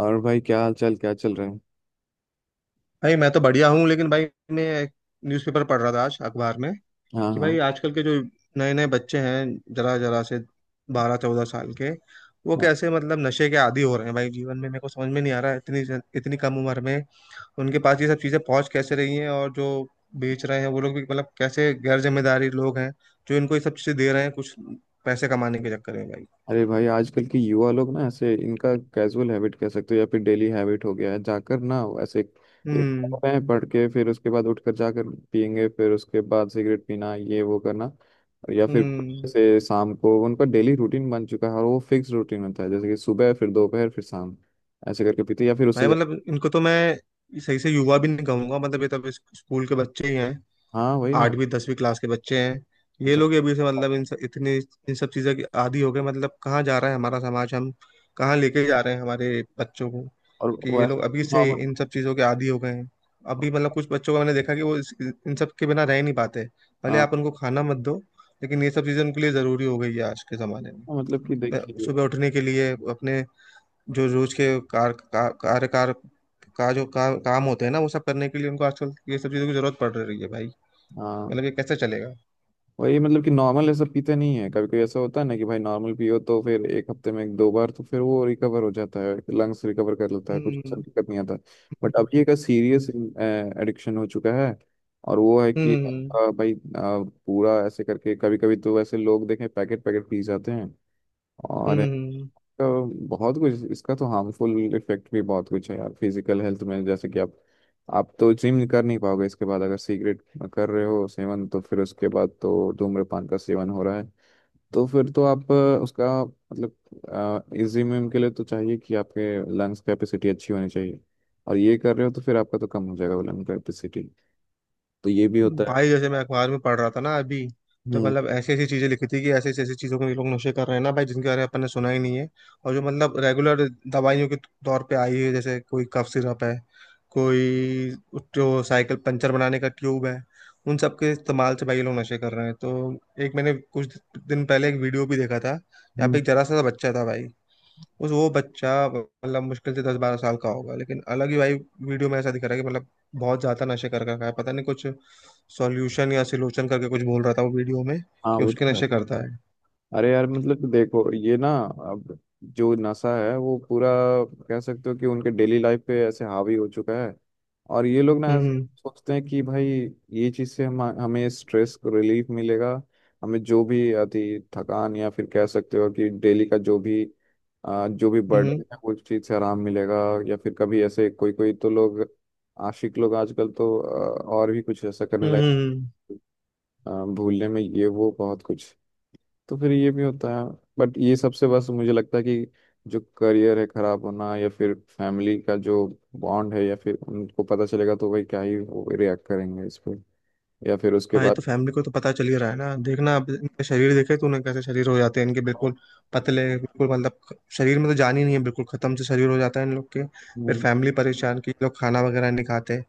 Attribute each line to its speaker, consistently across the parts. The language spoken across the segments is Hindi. Speaker 1: और भाई क्या हाल चाल क्या चल रहे हैं।
Speaker 2: भाई मैं तो बढ़िया हूँ लेकिन भाई मैं एक न्यूज़पेपर पढ़ रहा था आज अखबार में।
Speaker 1: हाँ
Speaker 2: कि भाई
Speaker 1: हाँ
Speaker 2: आजकल के जो नए नए बच्चे हैं, जरा जरा से 12-14 साल के, वो
Speaker 1: हाँ।
Speaker 2: कैसे मतलब नशे के आदी हो रहे हैं भाई जीवन में। मेरे को समझ में नहीं आ रहा है इतनी इतनी कम उम्र में उनके पास ये सब चीज़ें पहुंच कैसे रही हैं। और जो बेच रहे हैं वो लोग भी मतलब कैसे गैर जिम्मेदारी लोग हैं जो इनको ये सब चीज़ें दे रहे हैं कुछ पैसे कमाने के चक्कर में भाई।
Speaker 1: अरे भाई आजकल के युवा लोग ना ऐसे इनका कैजुअल हैबिट कह सकते हो या फिर डेली हैबिट हो गया है, जाकर ना ऐसे एक
Speaker 2: हम्म।
Speaker 1: पढ़ते हैं, पढ़ के फिर उसके बाद उठकर जाकर पियेंगे, फिर उसके बाद सिगरेट पीना ये वो करना। और या फिर
Speaker 2: हम्म।
Speaker 1: ऐसे शाम को उनका डेली रूटीन बन चुका है और वो फिक्स रूटीन होता है, जैसे कि सुबह फिर दोपहर फिर शाम, ऐसे करके पीते हैं, या फिर
Speaker 2: भाई
Speaker 1: उससे
Speaker 2: मतलब इनको तो मैं सही से युवा भी नहीं कहूंगा, मतलब ये तो अभी स्कूल के बच्चे ही हैं,
Speaker 1: हाँ वही ना।
Speaker 2: 8वीं 10वीं क्लास के बच्चे हैं। ये
Speaker 1: अच्छा,
Speaker 2: लोग ही अभी से मतलब इन सब चीज़ों की आदी हो गए। मतलब कहाँ जा रहा है हमारा समाज, हम कहाँ लेके जा रहे हैं हमारे बच्चों को,
Speaker 1: और
Speaker 2: कि ये लोग अभी
Speaker 1: वैसे
Speaker 2: से
Speaker 1: हाँ,
Speaker 2: इन सब चीज़ों के आदी हो गए हैं। अभी मतलब कुछ बच्चों का मैंने देखा कि वो इन सब के बिना रह ही नहीं पाते। भले
Speaker 1: हाँ,
Speaker 2: आप उनको खाना मत दो, लेकिन ये सब चीज़ें उनके लिए ज़रूरी हो गई है आज के ज़माने में।
Speaker 1: मतलब कि देखिए।
Speaker 2: सुबह उठने के लिए अपने, जो रोज के कार का, कार्यकार का जो का, काम होते हैं ना, वो सब करने के लिए उनको आजकल ये सब चीज़ों की ज़रूरत पड़ रही है भाई।
Speaker 1: हाँ
Speaker 2: मतलब ये कैसे चलेगा।
Speaker 1: वही मतलब कि नॉर्मल ऐसा पीते नहीं है, कभी कभी ऐसा होता है ना कि भाई नॉर्मल पियो तो फिर एक हफ्ते में एक दो बार तो फिर वो रिकवर हो जाता है, लंग्स रिकवर कर लेता है, कुछ ऐसा
Speaker 2: हम्म।
Speaker 1: दिक्कत नहीं आता। बट अब
Speaker 2: हम्म।
Speaker 1: ये का सीरियस
Speaker 2: हम्म।
Speaker 1: एडिक्शन हो चुका है। और वो है कि
Speaker 2: हम्म,
Speaker 1: भाई पूरा ऐसे करके कभी कभी तो ऐसे लोग देखें पैकेट पैकेट पी जाते हैं। और
Speaker 2: हम्म।
Speaker 1: तो बहुत कुछ इसका तो हार्मफुल इफेक्ट भी बहुत कुछ है यार, फिजिकल हेल्थ में जैसे कि आप तो जिम कर नहीं पाओगे इसके बाद। अगर सिगरेट कर रहे हो सेवन तो फिर उसके बाद तो धूम्रपान का सेवन हो रहा है, तो फिर तो आप उसका मतलब जिम के लिए तो चाहिए कि आपके लंग्स कैपेसिटी अच्छी होनी चाहिए और ये कर रहे हो तो फिर आपका तो कम हो जाएगा वो लंग कैपेसिटी, तो ये भी होता है।
Speaker 2: भाई जैसे मैं अखबार में पढ़ रहा था ना अभी, तो
Speaker 1: हम्म।
Speaker 2: मतलब ऐसी ऐसी चीजें लिखी थी कि ऐसी ऐसी चीजों को ये लोग नशे कर रहे हैं ना भाई, जिनके बारे में अपन ने सुना ही नहीं है। और जो मतलब रेगुलर दवाइयों के तौर पे आई है, जैसे कोई कफ सिरप है, कोई जो साइकिल पंचर बनाने का ट्यूब है, उन सब के इस्तेमाल से भाई ये लोग नशे कर रहे हैं। तो एक मैंने कुछ दिन पहले एक वीडियो भी देखा था, यहाँ पे
Speaker 1: हम्म।
Speaker 2: एक जरा सा बच्चा था भाई। उस वो बच्चा मतलब मुश्किल से 10-12 साल का होगा, लेकिन अलग ही भाई वीडियो में ऐसा दिख रहा है कि मतलब बहुत ज्यादा नशे कर रखा है, पता नहीं कुछ सॉल्यूशन या सिलोचन करके कुछ बोल रहा था वो वीडियो में
Speaker 1: हाँ
Speaker 2: कि
Speaker 1: वो
Speaker 2: उसके
Speaker 1: तो है।
Speaker 2: नशे करता है।
Speaker 1: अरे यार मतलब देखो ये ना, अब जो नशा है वो पूरा, कह सकते हो कि उनके डेली लाइफ पे ऐसे हावी हो चुका है। और ये लोग ना
Speaker 2: हम्म।
Speaker 1: सोचते हैं कि भाई ये चीज से हम हमें स्ट्रेस को रिलीफ मिलेगा, हमें जो भी अति थकान या फिर कह सकते हो कि डेली का जो भी जो भी
Speaker 2: हम्म। हम्म।
Speaker 1: बर्डन है उस चीज से आराम मिलेगा। या फिर कभी ऐसे कोई कोई तो लोग, आशिक लोग आजकल तो और भी कुछ ऐसा करने
Speaker 2: हम्म, हम्म,
Speaker 1: लगे,
Speaker 2: हम्म।
Speaker 1: भूलने में ये वो बहुत कुछ, तो फिर ये भी होता है। बट ये सबसे बस मुझे लगता है कि जो करियर है खराब होना या फिर फैमिली का जो बॉन्ड है, या फिर उनको पता चलेगा तो भाई क्या ही वो रिएक्ट करेंगे इस पे, या फिर उसके
Speaker 2: भाई
Speaker 1: बाद।
Speaker 2: तो फैमिली को तो पता चल ही रहा है ना। देखना अब इनका शरीर, देखे तूने कैसे शरीर हो जाते हैं इनके, बिल्कुल पतले, बिल्कुल मतलब शरीर में तो जान ही नहीं है, बिल्कुल खत्म से शरीर हो जाता है इन लोग के। फिर
Speaker 1: हम्म,
Speaker 2: फैमिली परेशान की लोग खाना वगैरह नहीं खाते,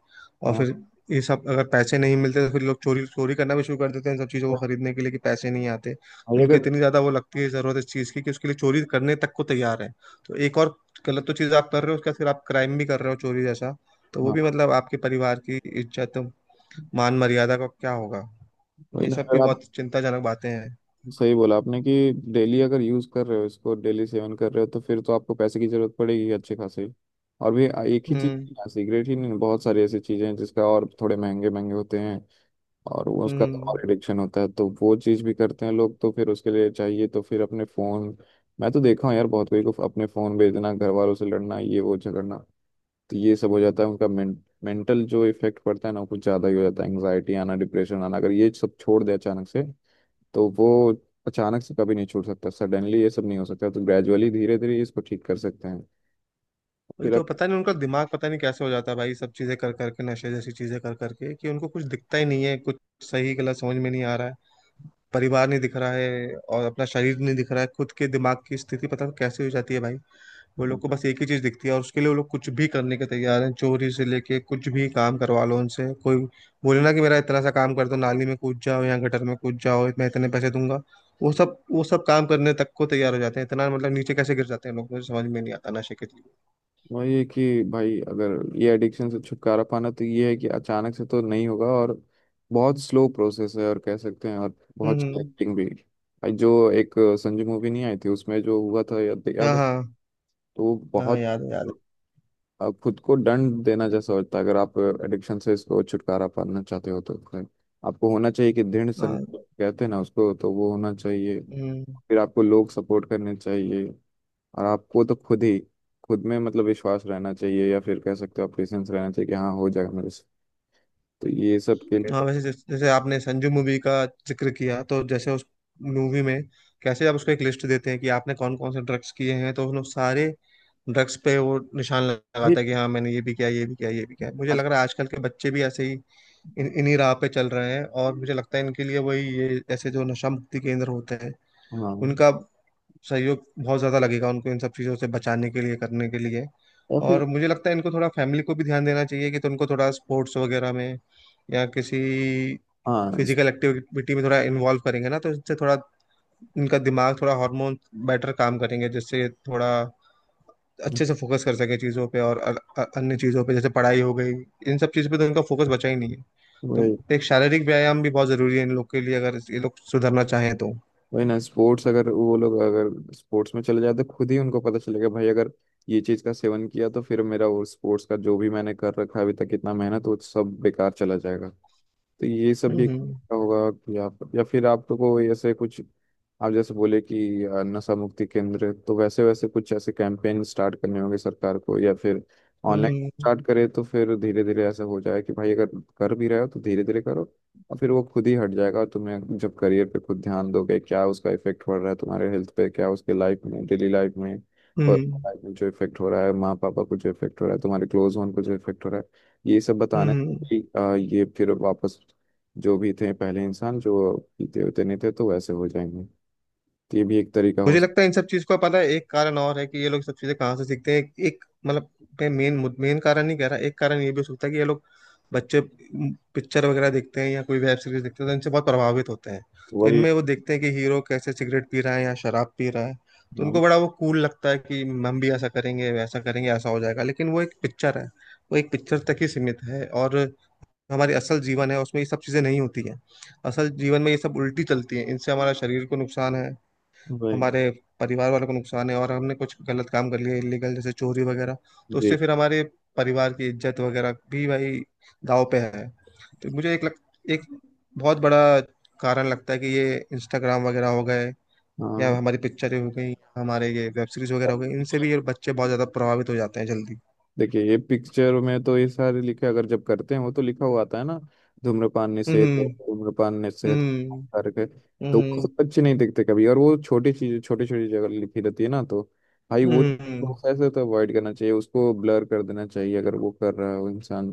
Speaker 2: और
Speaker 1: हाँ।
Speaker 2: फिर ये सब अगर पैसे नहीं मिलते तो फिर लोग चोरी चोरी करना भी शुरू कर देते हैं इन सब चीज़ों को खरीदने के लिए, कि पैसे नहीं आते तो
Speaker 1: भाई
Speaker 2: इनको
Speaker 1: अगर,
Speaker 2: इतनी ज़्यादा वो लगती है ज़रूरत इस चीज़ की कि उसके लिए चोरी करने तक को तैयार है। तो एक और गलत तो चीज़ आप कर रहे हो, उसके बाद फिर आप क्राइम भी कर रहे हो चोरी जैसा। तो वो भी
Speaker 1: हाँ
Speaker 2: मतलब आपके परिवार की इज्जत मान मर्यादा का क्या होगा,
Speaker 1: वही
Speaker 2: ये
Speaker 1: ना
Speaker 2: सब भी
Speaker 1: अगर आप,
Speaker 2: बहुत चिंताजनक बातें हैं।
Speaker 1: सही बोला आपने कि डेली अगर यूज कर रहे हो इसको, डेली सेवन कर रहे हो तो फिर तो आपको पैसे की जरूरत पड़ेगी अच्छे खासे। और भी एक ही चीज,
Speaker 2: हम्म।
Speaker 1: सिगरेट ही नहीं, बहुत सारी ऐसी चीजें हैं जिसका, और थोड़े महंगे महंगे होते हैं और वो उसका कमाल
Speaker 2: हम्म।
Speaker 1: एडिक्शन होता है, तो वो चीज़ भी करते हैं लोग, तो फिर उसके लिए चाहिए, तो फिर अपने फ़ोन मैं तो देखा हूँ यार बहुत, कोई को अपने फ़ोन भेजना, घर वालों से लड़ना, ये वो झगड़ना, तो ये सब हो जाता है उनका मेंटल जो इफेक्ट पड़ता है ना वो कुछ ज़्यादा ही हो जाता है, एंग्जाइटी आना, डिप्रेशन आना अगर ये सब छोड़ दे अचानक से, तो वो अचानक से कभी नहीं छूट सकता, सडनली ये सब नहीं हो सकता, तो ग्रेजुअली धीरे धीरे इसको ठीक कर सकते हैं।
Speaker 2: वही
Speaker 1: फिर
Speaker 2: तो, पता नहीं उनका दिमाग पता नहीं कैसे हो जाता है भाई, सब चीजें कर करके, नशे जैसी चीजें कर करके, कि उनको कुछ दिखता ही नहीं है, कुछ सही गलत समझ में नहीं आ रहा है, परिवार नहीं दिख रहा है और अपना शरीर नहीं दिख रहा है, खुद के दिमाग की स्थिति पता नहीं कैसे हो जाती है भाई। वो लोग को बस एक ही चीज दिखती है और उसके लिए वो लोग कुछ भी करने के तैयार हैं, चोरी से लेके कुछ भी काम करवा लो उनसे, कोई बोले ना कि मेरा इतना सा काम कर दो, नाली में कूद जाओ या गटर में कूद जाओ मैं इतने पैसे दूंगा, वो सब काम करने तक को तैयार हो जाते हैं। इतना मतलब नीचे कैसे गिर जाते हैं लोग, मुझे समझ में नहीं आता नशे के लिए।
Speaker 1: वही है कि भाई अगर ये एडिक्शन से छुटकारा पाना, तो ये है कि अचानक से तो नहीं होगा और बहुत स्लो प्रोसेस है, और कह सकते हैं और बहुत
Speaker 2: हम्म। हम्म।
Speaker 1: एक्टिंग भी भाई, जो एक संजू मूवी नहीं आई थी, उसमें जो हुआ था, याद याद
Speaker 2: हाँ,
Speaker 1: है।
Speaker 2: हाँ।
Speaker 1: तो वो
Speaker 2: हाँ
Speaker 1: बहुत
Speaker 2: याद है, याद
Speaker 1: खुद को दंड देना जैसा होता है अगर आप एडिक्शन से इसको छुटकारा पाना चाहते हो तो फिर आपको होना चाहिए कि दृढ़
Speaker 2: है। हाँ।
Speaker 1: संकल्प कहते हैं ना उसको, तो वो होना चाहिए।
Speaker 2: हम्म।
Speaker 1: फिर आपको लोग सपोर्ट करने चाहिए, और आपको तो खुद ही खुद में मतलब विश्वास रहना चाहिए, या फिर कह सकते हो आप पेशेंस रहना चाहिए कि हाँ हो जाएगा मेरे से, तो ये सब के लिए
Speaker 2: हाँ
Speaker 1: तो,
Speaker 2: वैसे, जैसे जैसे आपने संजू मूवी का जिक्र किया, तो जैसे उस मूवी में कैसे आप उसको एक लिस्ट देते हैं कि आपने कौन कौन से ड्रग्स किए हैं, तो उन्होंने सारे ड्रग्स पे वो निशान लगाता
Speaker 1: फिर
Speaker 2: है कि हाँ मैंने ये भी किया, ये भी किया, ये भी किया, मुझे लग
Speaker 1: अच्छा,
Speaker 2: रहा है आजकल के बच्चे भी ऐसे ही इन्हीं राह पे चल रहे हैं। और मुझे लगता है इनके लिए वही, ये ऐसे जो नशा मुक्ति केंद्र होते हैं,
Speaker 1: हाँ
Speaker 2: उनका सहयोग बहुत ज्यादा लगेगा उनको इन सब चीजों से बचाने के लिए, करने के लिए।
Speaker 1: और
Speaker 2: और
Speaker 1: फिर
Speaker 2: मुझे लगता है इनको थोड़ा, फैमिली को भी ध्यान देना चाहिए कि तो उनको थोड़ा स्पोर्ट्स वगैरह में या किसी
Speaker 1: हाँ
Speaker 2: फिजिकल एक्टिविटी में थोड़ा इन्वॉल्व करेंगे ना, तो इससे थोड़ा उनका दिमाग, थोड़ा हार्मोन बेटर काम करेंगे, जिससे थोड़ा अच्छे से फोकस कर सके चीज़ों पे और अन्य चीज़ों पे, जैसे पढ़ाई हो गई, इन सब चीज़ों पे तो उनका फोकस बचा ही नहीं है।
Speaker 1: वही।
Speaker 2: तो एक शारीरिक व्यायाम भी बहुत ज़रूरी है इन लोग के लिए, अगर ये लोग सुधरना चाहें तो।
Speaker 1: वही ना स्पोर्ट्स अगर, वो लोग अगर स्पोर्ट्स में चले जाते, खुद ही उनको पता चलेगा भाई अगर ये चीज़ का सेवन किया तो फिर मेरा वो स्पोर्ट्स का जो भी मैंने कर रखा है अभी तक इतना मेहनत वो सब बेकार चला जाएगा, तो ये सब
Speaker 2: हम्म।
Speaker 1: भी
Speaker 2: हम्म।
Speaker 1: होगा। या या फिर आपको ऐसे कुछ, आप जैसे बोले कि नशा मुक्ति केंद्र तो वैसे वैसे कुछ ऐसे कैंपेन स्टार्ट करने होंगे सरकार को, या फिर ऑनलाइन
Speaker 2: हम्म।
Speaker 1: स्टार्ट करे तो फिर धीरे धीरे ऐसा हो जाए कि भाई अगर कर भी रहे हो तो धीरे धीरे करो, और फिर वो खुद ही हट जाएगा। और तुम्हें जब करियर पे खुद ध्यान दोगे क्या उसका इफेक्ट पड़ रहा है तुम्हारे हेल्थ पे, क्या उसके लाइफ में डेली लाइफ में पर्सनल
Speaker 2: हम्म।
Speaker 1: लाइफ में जो इफेक्ट हो रहा है, माँ पापा को जो इफेक्ट हो रहा है, तुम्हारे क्लोज वन को जो इफेक्ट हो रहा है, ये सब बताने से
Speaker 2: हम्म।
Speaker 1: भी, ये फिर वापस जो भी थे पहले इंसान जो पीते होते नहीं थे, तो वैसे हो जाएंगे, तो ये भी एक तरीका हो
Speaker 2: मुझे
Speaker 1: सकता।
Speaker 2: लगता है इन सब चीज का, पता है एक कारण और है कि ये लोग सब चीजें कहाँ से सीखते हैं। एक मतलब मैं मेन मेन कारण नहीं कह रहा, एक कारण ये भी हो सकता है कि ये लोग, बच्चे, पिक्चर वगैरह देखते हैं या कोई वेब सीरीज देखते हैं तो इनसे बहुत प्रभावित होते हैं। तो
Speaker 1: वही।
Speaker 2: इनमें वो देखते हैं कि हीरो कैसे सिगरेट पी रहा है या शराब पी रहा है, तो
Speaker 1: हाँ।
Speaker 2: उनको बड़ा वो कूल लगता है कि हम भी ऐसा करेंगे वैसा करेंगे, ऐसा हो जाएगा। लेकिन वो एक पिक्चर है, वो एक पिक्चर तक ही सीमित है। और हमारी असल जीवन है, उसमें ये सब चीजें नहीं होती हैं। असल जीवन में ये सब उल्टी चलती हैं, इनसे हमारा शरीर को नुकसान है,
Speaker 1: वही।
Speaker 2: हमारे परिवार वालों को नुकसान है, और हमने कुछ गलत काम कर लिया इलीगल जैसे चोरी वगैरह, तो
Speaker 1: जी।
Speaker 2: उससे फिर हमारे परिवार की इज्जत वगैरह भी भाई दाव पे है। तो मुझे एक बहुत बड़ा कारण लगता है कि ये इंस्टाग्राम वगैरह हो गए या
Speaker 1: हाँ।
Speaker 2: हमारी पिक्चरें हो गई, हमारे ये वेब सीरीज वगैरह हो गई, इनसे भी ये बच्चे बहुत ज्यादा प्रभावित हो जाते हैं जल्दी।
Speaker 1: देखिए, ये पिक्चर में तो ये सारे लिखे अगर जब करते हैं वो तो लिखा हुआ आता है ना, धूम्रपान निषेध,
Speaker 2: हम्म।
Speaker 1: धूम्रपान निषेध
Speaker 2: हम्म।
Speaker 1: करके, तो वो
Speaker 2: हम्म।
Speaker 1: सब अच्छे नहीं दिखते कभी और वो छोटी चीज छोटी छोटी जगह लिखी रहती है ना, तो भाई वो
Speaker 2: हम्म। हम्म।
Speaker 1: वो ऐसे तो अवॉइड करना चाहिए, उसको ब्लर कर देना चाहिए अगर वो कर रहा है वो इंसान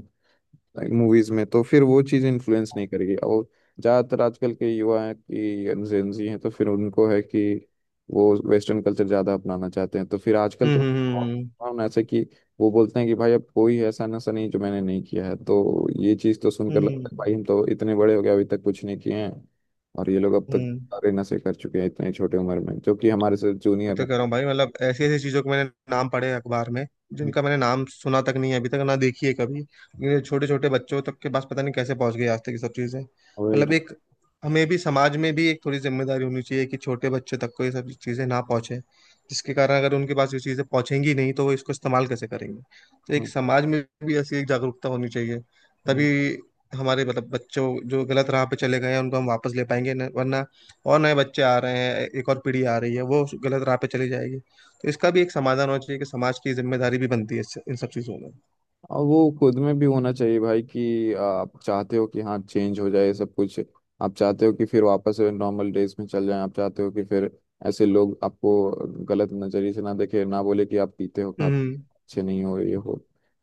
Speaker 1: लाइक मूवीज में, तो फिर वो चीज़ इन्फ्लुएंस नहीं करेगी। और ज़्यादातर आजकल के युवा हैं कि जेंजी हैं तो फिर उनको है कि वो वेस्टर्न कल्चर ज़्यादा अपनाना चाहते हैं, तो फिर आजकल तो
Speaker 2: हम्म। हम्म।
Speaker 1: हम ऐसे कि, वो बोलते हैं कि भाई अब कोई ऐसा नशा नहीं जो मैंने नहीं किया है, तो ये चीज़ तो सुनकर लगता है
Speaker 2: हम्म।
Speaker 1: भाई, हम तो इतने बड़े हो गए अभी तक कुछ नहीं किए हैं और ये लोग अब
Speaker 2: हम्म,
Speaker 1: तक
Speaker 2: हम्म,
Speaker 1: सारे नशे कर चुके हैं इतनी छोटी उम्र में, जो कि हमारे से
Speaker 2: मैं
Speaker 1: जूनियर
Speaker 2: तो
Speaker 1: है।
Speaker 2: कह रहा हूँ भाई मतलब ऐसी ऐसी चीजों के मैंने नाम पढ़े हैं अखबार में जिनका मैंने नाम सुना तक नहीं है अभी तक, ना देखी है कभी, ये छोटे छोटे बच्चों तक के पास पता नहीं कैसे पहुंच गई आज तक ये सब चीजें,
Speaker 1: वही
Speaker 2: मतलब
Speaker 1: लगता
Speaker 2: एक, हमें भी समाज में भी एक थोड़ी जिम्मेदारी होनी चाहिए कि छोटे बच्चे तक को ये सब चीजें ना पहुंचे, जिसके कारण, अगर उनके पास ये चीजें पहुंचेंगी नहीं तो वो इसको इस्तेमाल कैसे करेंगे। तो एक समाज में भी ऐसी एक जागरूकता होनी चाहिए,
Speaker 1: है।
Speaker 2: तभी हमारे मतलब बच्चों जो गलत राह पे चले गए हैं उनको हम वापस ले पाएंगे, वरना और नए बच्चे आ रहे हैं, एक और पीढ़ी आ रही है वो गलत राह पे चली जाएगी। तो इसका भी एक समाधान होना चाहिए, कि समाज की जिम्मेदारी भी बनती है इन सब चीज़ों में।
Speaker 1: और वो खुद में भी होना चाहिए भाई कि आप चाहते हो कि हाँ चेंज हो जाए सब कुछ, आप चाहते हो कि फिर वापस नॉर्मल डेज में चल जाए, आप चाहते हो कि फिर ऐसे लोग आपको गलत नजरिए से ना देखे, ना बोले कि आप पीते हो खाते
Speaker 2: हम्म।
Speaker 1: अच्छे नहीं हो ये हो।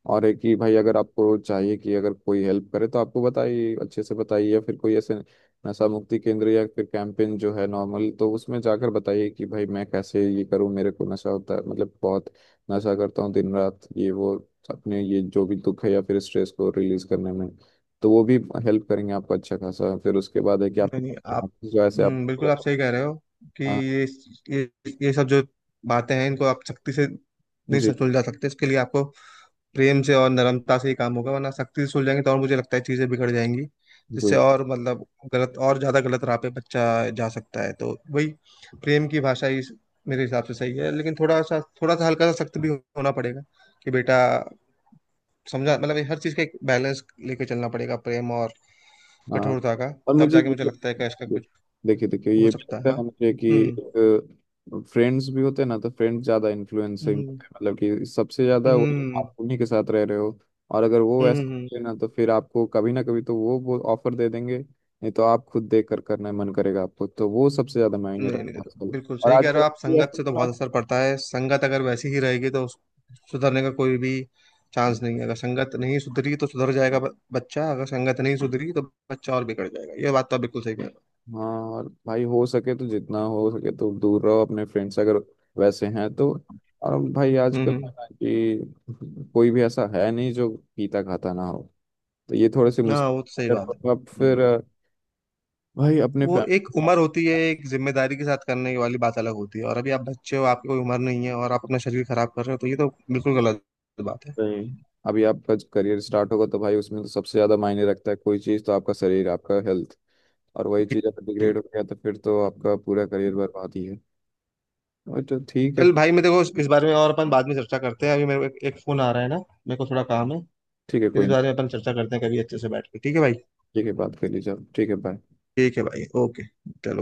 Speaker 1: और है कि भाई अगर आपको चाहिए कि अगर कोई हेल्प करे तो आपको बताइए, अच्छे से बताइए, या फिर कोई ऐसे नशा मुक्ति केंद्र या फिर कैंपेन जो है नॉर्मल, तो उसमें जाकर बताइए कि भाई मैं कैसे ये करूँ, मेरे को नशा होता है मतलब बहुत नशा करता हूँ दिन रात ये वो, अपने ये जो भी दुख है या फिर स्ट्रेस को रिलीज करने में, तो वो भी हेल्प करेंगे आपको अच्छा खासा, फिर उसके बाद है कि आप
Speaker 2: नहीं नहीं आप।
Speaker 1: जो ऐसे आप,
Speaker 2: बिल्कुल आप सही कह रहे हो कि
Speaker 1: हाँ।
Speaker 2: ये ये सब जो बातें हैं, इनको आप सख्ती से नहीं
Speaker 1: जी।
Speaker 2: सुलझा सकते, इसके लिए आपको प्रेम से और नरमता से ही काम होगा, वरना सख्ती से सुलझाएंगे तो और मुझे लगता है चीजें बिगड़ जाएंगी, जिससे
Speaker 1: जी।
Speaker 2: और मतलब गलत और ज्यादा गलत राह पे बच्चा जा सकता है। तो वही प्रेम की भाषा ही मेरे हिसाब से सही है, लेकिन थोड़ा सा हल्का सा सख्त भी होना पड़ेगा कि बेटा समझा, मतलब ये हर चीज का एक बैलेंस लेके चलना पड़ेगा, प्रेम और
Speaker 1: हाँ।
Speaker 2: कठोरता का।
Speaker 1: और
Speaker 2: तब
Speaker 1: मुझे
Speaker 2: जाके
Speaker 1: ये
Speaker 2: मुझे लगता है कि इसका
Speaker 1: दे-
Speaker 2: कुछ
Speaker 1: देखिए, देखिए
Speaker 2: हो
Speaker 1: ये भी
Speaker 2: सकता है।
Speaker 1: लगता
Speaker 2: हाँ।
Speaker 1: है मुझे
Speaker 2: हम्म।
Speaker 1: कि फ्रेंड्स भी होते हैं ना तो फ्रेंड्स ज्यादा इन्फ्लुएंसिंग
Speaker 2: हम्म।
Speaker 1: मतलब कि सबसे ज्यादा
Speaker 2: हम्म।
Speaker 1: वो,
Speaker 2: हम्म।
Speaker 1: आप उन्हीं के साथ रह रहे हो और अगर वो
Speaker 2: हम्म,
Speaker 1: वैसे
Speaker 2: हम्म,
Speaker 1: होते हैं ना
Speaker 2: हम्म।
Speaker 1: तो फिर आपको कभी ना कभी तो वो ऑफर दे देंगे, नहीं तो आप खुद देख कर करना मन करेगा आपको, तो वो सबसे ज्यादा मायने
Speaker 2: नहीं
Speaker 1: रखता
Speaker 2: नहीं,
Speaker 1: है आजकल।
Speaker 2: बिल्कुल
Speaker 1: और
Speaker 2: सही कह रहे
Speaker 1: आजकल,
Speaker 2: हो आप, संगत से तो बहुत असर पड़ता है, संगत अगर वैसी ही रहेगी तो सुधरने का कोई भी चांस नहीं है, अगर संगत नहीं सुधरी तो सुधर जाएगा बच्चा, अगर संगत नहीं सुधरी तो बच्चा और बिगड़ जाएगा, ये बात तो आप बिल्कुल सही कह रहे
Speaker 1: हाँ। और भाई हो सके तो जितना हो सके तो दूर रहो अपने फ्रेंड से अगर वैसे हैं तो। और भाई
Speaker 2: हो। हम्म।
Speaker 1: आजकल पता है ना कि कोई भी ऐसा है नहीं जो पीता खाता ना हो, तो ये थोड़े से
Speaker 2: हाँ वो तो सही
Speaker 1: मुश्किल है।
Speaker 2: बात
Speaker 1: तो अब
Speaker 2: है।
Speaker 1: फिर
Speaker 2: हम्म।
Speaker 1: भाई अपने
Speaker 2: वो एक
Speaker 1: फैमिली,
Speaker 2: उम्र होती है, एक जिम्मेदारी के साथ करने की वाली बात अलग होती है, और अभी आप बच्चे हो, आपकी कोई उम्र नहीं है और आप अपना शरीर खराब कर रहे हो, तो ये तो बिल्कुल गलत बात है।
Speaker 1: अभी आपका करियर स्टार्ट होगा तो भाई उसमें तो सबसे ज्यादा मायने रखता है कोई चीज़, तो आपका शरीर आपका हेल्थ, और वही चीज़ अगर
Speaker 2: जी।
Speaker 1: डिग्रेड हो गया तो फिर तो आपका पूरा करियर बर्बाद ही है। और तो ठीक है,
Speaker 2: चल भाई मैं, देखो इस बारे में और अपन बाद में चर्चा करते हैं, अभी मेरे को एक फोन आ रहा है ना, मेरे को थोड़ा काम है।
Speaker 1: ठीक है
Speaker 2: फिर
Speaker 1: कोई
Speaker 2: इस
Speaker 1: ना,
Speaker 2: बारे में अपन चर्चा करते हैं कभी अच्छे से बैठ के। ठीक है भाई।
Speaker 1: ठीक है बात कर लीजिए आप, ठीक है, बाय।
Speaker 2: ठीक है भाई, ओके, चलो।